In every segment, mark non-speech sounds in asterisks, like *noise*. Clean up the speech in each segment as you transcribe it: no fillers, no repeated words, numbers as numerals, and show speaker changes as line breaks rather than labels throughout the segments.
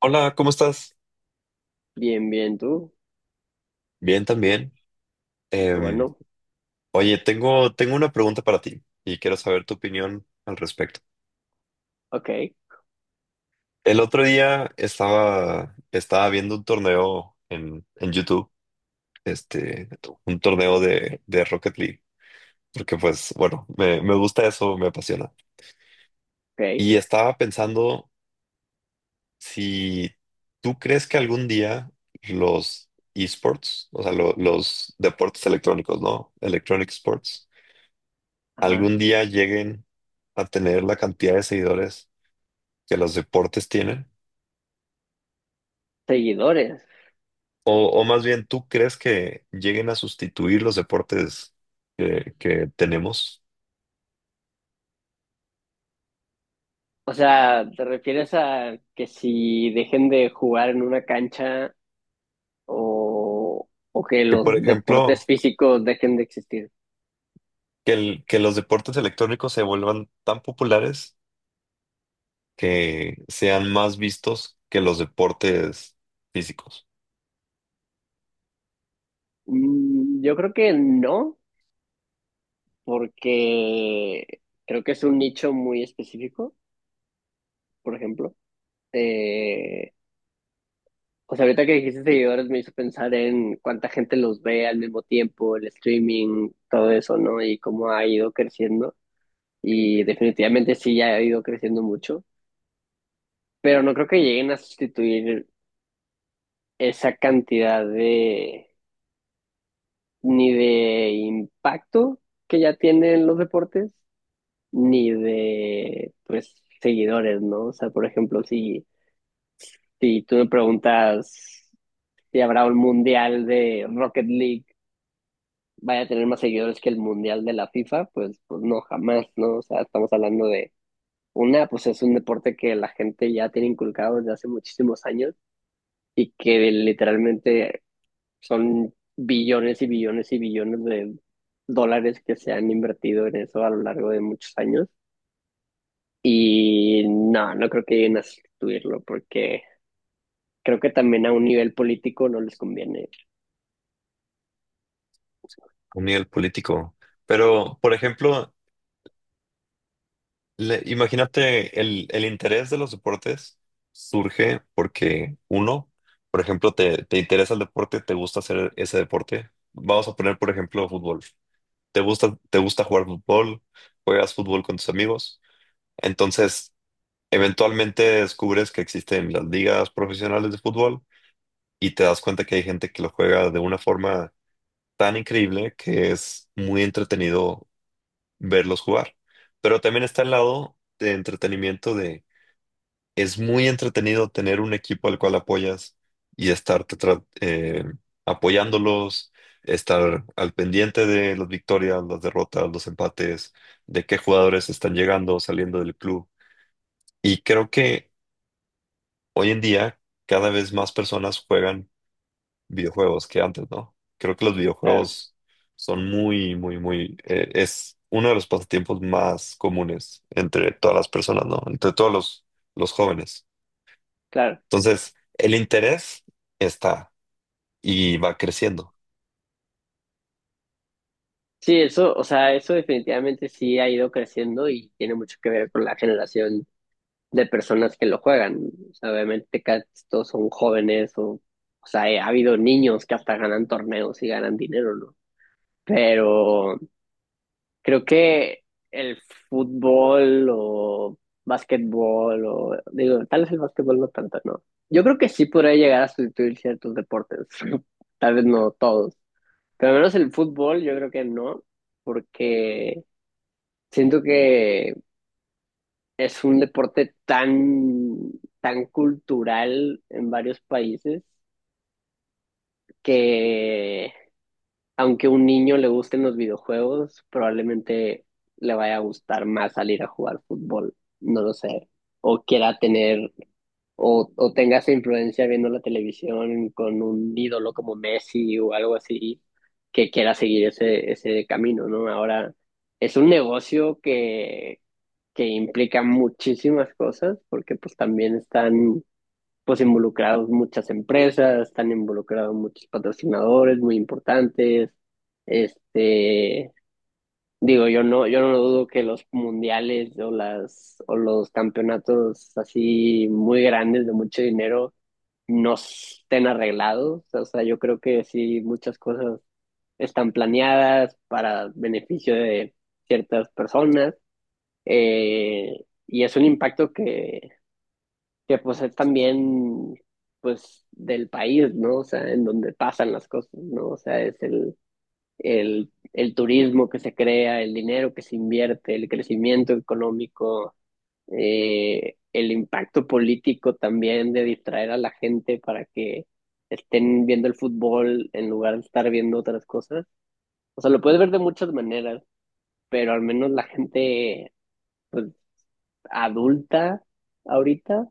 Hola, ¿cómo estás?
Bien, bien, tú.
Bien, también.
Qué
Em,
bueno.
oye, tengo una pregunta para ti y quiero saber tu opinión al respecto.
Ok,
El otro día estaba viendo un torneo en YouTube, este, un torneo de Rocket League, porque pues, bueno, me gusta eso, me apasiona.
ok,
Y estaba pensando si tú crees que algún día los esports, o sea, los deportes electrónicos, ¿no? Electronic sports
ajá.
algún día lleguen a tener la cantidad de seguidores que los deportes tienen.
Seguidores.
O más bien, ¿tú crees que lleguen a sustituir los deportes que tenemos?
O sea, ¿te refieres a que si dejen de jugar en una cancha o que
Que, por
los deportes
ejemplo,
físicos dejen de existir?
que los deportes electrónicos se vuelvan tan populares que sean más vistos que los deportes físicos
Yo creo que no, porque creo que es un nicho muy específico, por ejemplo. Eh, o sea, ahorita que dijiste seguidores me hizo pensar en cuánta gente los ve al mismo tiempo, el streaming, todo eso, ¿no? Y cómo ha ido creciendo. Y definitivamente sí ya ha ido creciendo mucho, pero no creo que lleguen a sustituir esa cantidad de ni de impacto que ya tienen los deportes, ni de pues seguidores, ¿no? O sea, por ejemplo, si tú me preguntas si habrá un mundial de Rocket League, vaya a tener más seguidores que el mundial de la FIFA, pues, pues no, jamás, ¿no? O sea, estamos hablando de una, pues es un deporte que la gente ya tiene inculcado desde hace muchísimos años y que literalmente son billones y billones y billones de dólares que se han invertido en eso a lo largo de muchos años. Y no, no creo que lleguen a sustituirlo porque creo que también a un nivel político no les conviene.
a nivel político. Pero, por ejemplo, imagínate, el interés de los deportes surge porque uno, por ejemplo, te interesa el deporte, te gusta hacer ese deporte. Vamos a poner, por ejemplo, fútbol. Te gusta jugar fútbol, juegas fútbol con tus amigos. Entonces, eventualmente descubres que existen las ligas profesionales de fútbol y te das cuenta que hay gente que lo juega de una forma tan increíble que es muy entretenido verlos jugar. Pero también está el lado de entretenimiento de. Es muy entretenido tener un equipo al cual apoyas y estar apoyándolos, estar al pendiente de las victorias, las derrotas, los empates, de qué jugadores están llegando, saliendo del club. Y creo que hoy en día cada vez más personas juegan videojuegos que antes, ¿no? Creo que los
Claro,
videojuegos son muy, muy, es uno de los pasatiempos más comunes entre todas las personas, ¿no? Entre los jóvenes.
claro.
Entonces, el interés está y va creciendo.
Sí, eso, o sea, eso definitivamente sí ha ido creciendo y tiene mucho que ver con la generación de personas que lo juegan. O sea, obviamente casi todos son jóvenes o sea, ha habido niños que hasta ganan torneos y ganan dinero, ¿no? Pero creo que el fútbol o básquetbol o digo, tal vez el básquetbol no tanto, ¿no? Yo creo que sí podría llegar a sustituir ciertos deportes, *laughs* tal vez no todos, pero al menos el fútbol yo creo que no, porque siento que es un deporte tan, tan cultural en varios países que aunque a un niño le gusten los videojuegos, probablemente le vaya a gustar más salir a jugar fútbol, no lo sé, o quiera tener, o tenga esa influencia viendo la televisión con un ídolo como Messi o algo así, que quiera seguir ese camino, ¿no? Ahora, es un negocio que implica muchísimas cosas, porque pues también están pues involucrados muchas empresas, están involucrados muchos patrocinadores muy importantes. Este, digo, yo no dudo que los mundiales o o los campeonatos así muy grandes de mucho dinero no estén arreglados. O sea, yo creo que sí muchas cosas están planeadas para beneficio de ciertas personas. Y es un impacto que pues es también pues del país, ¿no? O sea, en donde pasan las cosas, ¿no? O sea, es el turismo que se crea, el dinero que se invierte, el crecimiento económico, el impacto político también de distraer a la gente para que estén viendo el fútbol en lugar de estar viendo otras cosas. O sea, lo puedes ver de muchas maneras, pero al menos la gente pues, adulta ahorita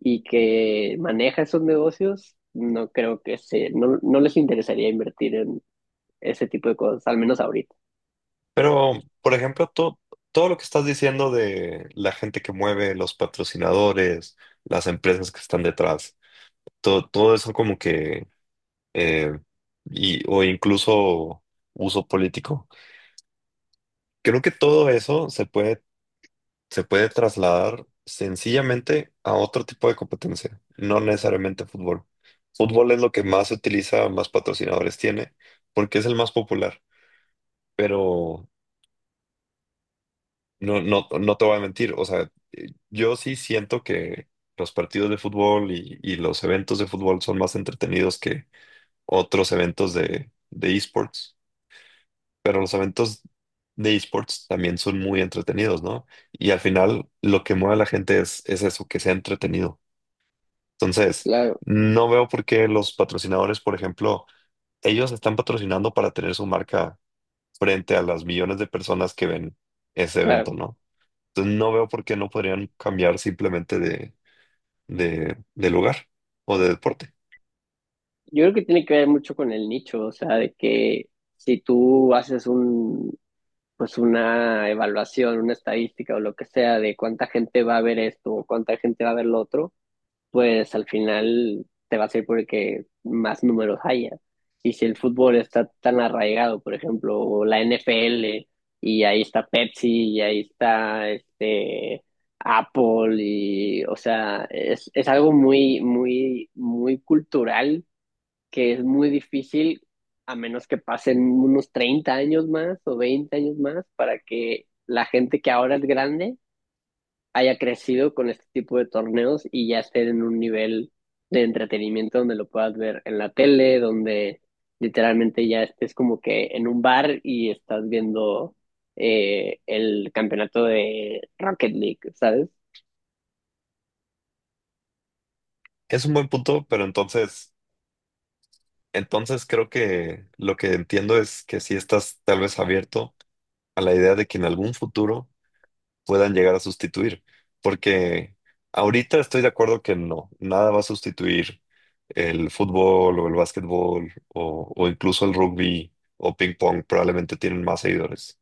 y que maneja esos negocios, no creo que no, no les interesaría invertir en ese tipo de cosas, al menos ahorita.
Pero, por ejemplo, tú, todo lo que estás diciendo de la gente que mueve, los patrocinadores, las empresas que están detrás, todo eso como que, eh, o incluso uso político. Creo que todo eso se puede trasladar sencillamente a otro tipo de competencia, no necesariamente fútbol. Fútbol es lo que más se utiliza, más patrocinadores tiene, porque es el más popular. Pero no, no, no te voy a mentir, o sea, yo sí siento que los partidos de fútbol y los eventos de fútbol son más entretenidos que otros eventos de esports, pero los eventos de esports también son muy entretenidos, ¿no? Y al final lo que mueve a la gente es eso, que sea entretenido. Entonces,
Claro,
no veo por qué los patrocinadores, por ejemplo, ellos están patrocinando para tener su marca frente a las millones de personas que ven ese
claro.
evento, ¿no? Entonces no veo por qué no podrían cambiar simplemente de lugar o de deporte.
Yo creo que tiene que ver mucho con el nicho, o sea, de que si tú haces un, pues una evaluación, una estadística o lo que sea de cuánta gente va a ver esto o cuánta gente va a ver lo otro, pues al final te va a ser porque más números haya. Y si el fútbol está tan arraigado, por ejemplo, o la NFL, y ahí está Pepsi, y ahí está este Apple, y o sea, es algo muy, muy, muy cultural que es muy difícil, a menos que pasen unos 30 años más o 20 años más, para que la gente que ahora es grande haya crecido con este tipo de torneos y ya esté en un nivel de entretenimiento donde lo puedas ver en la tele, donde literalmente ya estés como que en un bar y estás viendo el campeonato de Rocket League, ¿sabes?
Es un buen punto, pero entonces creo que lo que entiendo es que si estás tal vez abierto a la idea de que en algún futuro puedan llegar a sustituir, porque ahorita estoy de acuerdo que no, nada va a sustituir el fútbol o el básquetbol o incluso el rugby o ping pong, probablemente tienen más seguidores.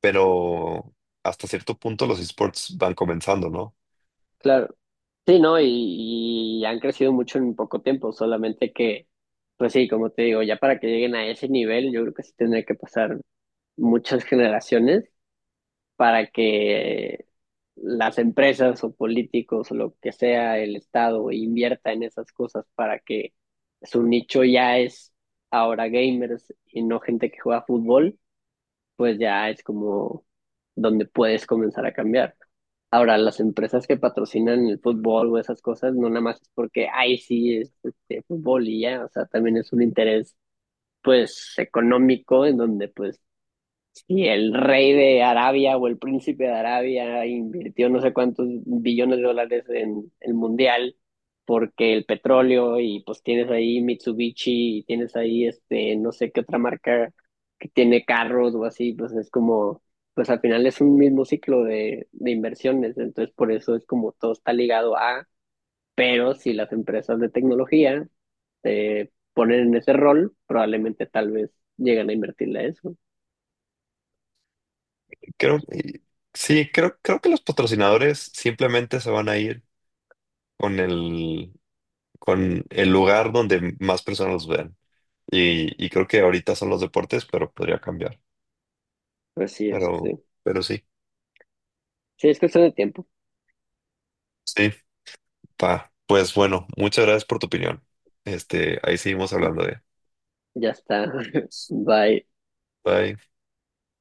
Pero hasta cierto punto los esports van comenzando, ¿no?
Claro. Sí, ¿no? Y han crecido mucho en poco tiempo, solamente que, pues sí, como te digo, ya para que lleguen a ese nivel, yo creo que sí tendría que pasar muchas generaciones para que las empresas o políticos o lo que sea el Estado invierta en esas cosas para que su nicho ya es ahora gamers y no gente que juega fútbol, pues ya es como donde puedes comenzar a cambiar. Ahora, las empresas que patrocinan el fútbol o esas cosas, no nada más es porque, ay, sí, es, este, fútbol y ya, o sea, también es un interés, pues, económico en donde, pues, y el rey de Arabia o el príncipe de Arabia invirtió no sé cuántos billones de dólares en el mundial porque el petróleo y pues tienes ahí Mitsubishi y tienes ahí este no sé qué otra marca que tiene carros o así, pues es como pues al final es un mismo ciclo de inversiones, entonces por eso es como todo está ligado a, pero si las empresas de tecnología se ponen en ese rol, probablemente tal vez llegan a invertirle a eso.
Creo, y- sí, creo que los patrocinadores simplemente se van a ir con el, con el lugar donde más personas los vean. Y creo que ahorita son los deportes, pero podría cambiar.
Así es,
Pero,
sí.
pero sí,
Sí, es cuestión de tiempo.
sí, pa. Pues bueno, muchas gracias por tu opinión. Este, ahí seguimos hablando de.
Ya está. *laughs* Bye.
Bye.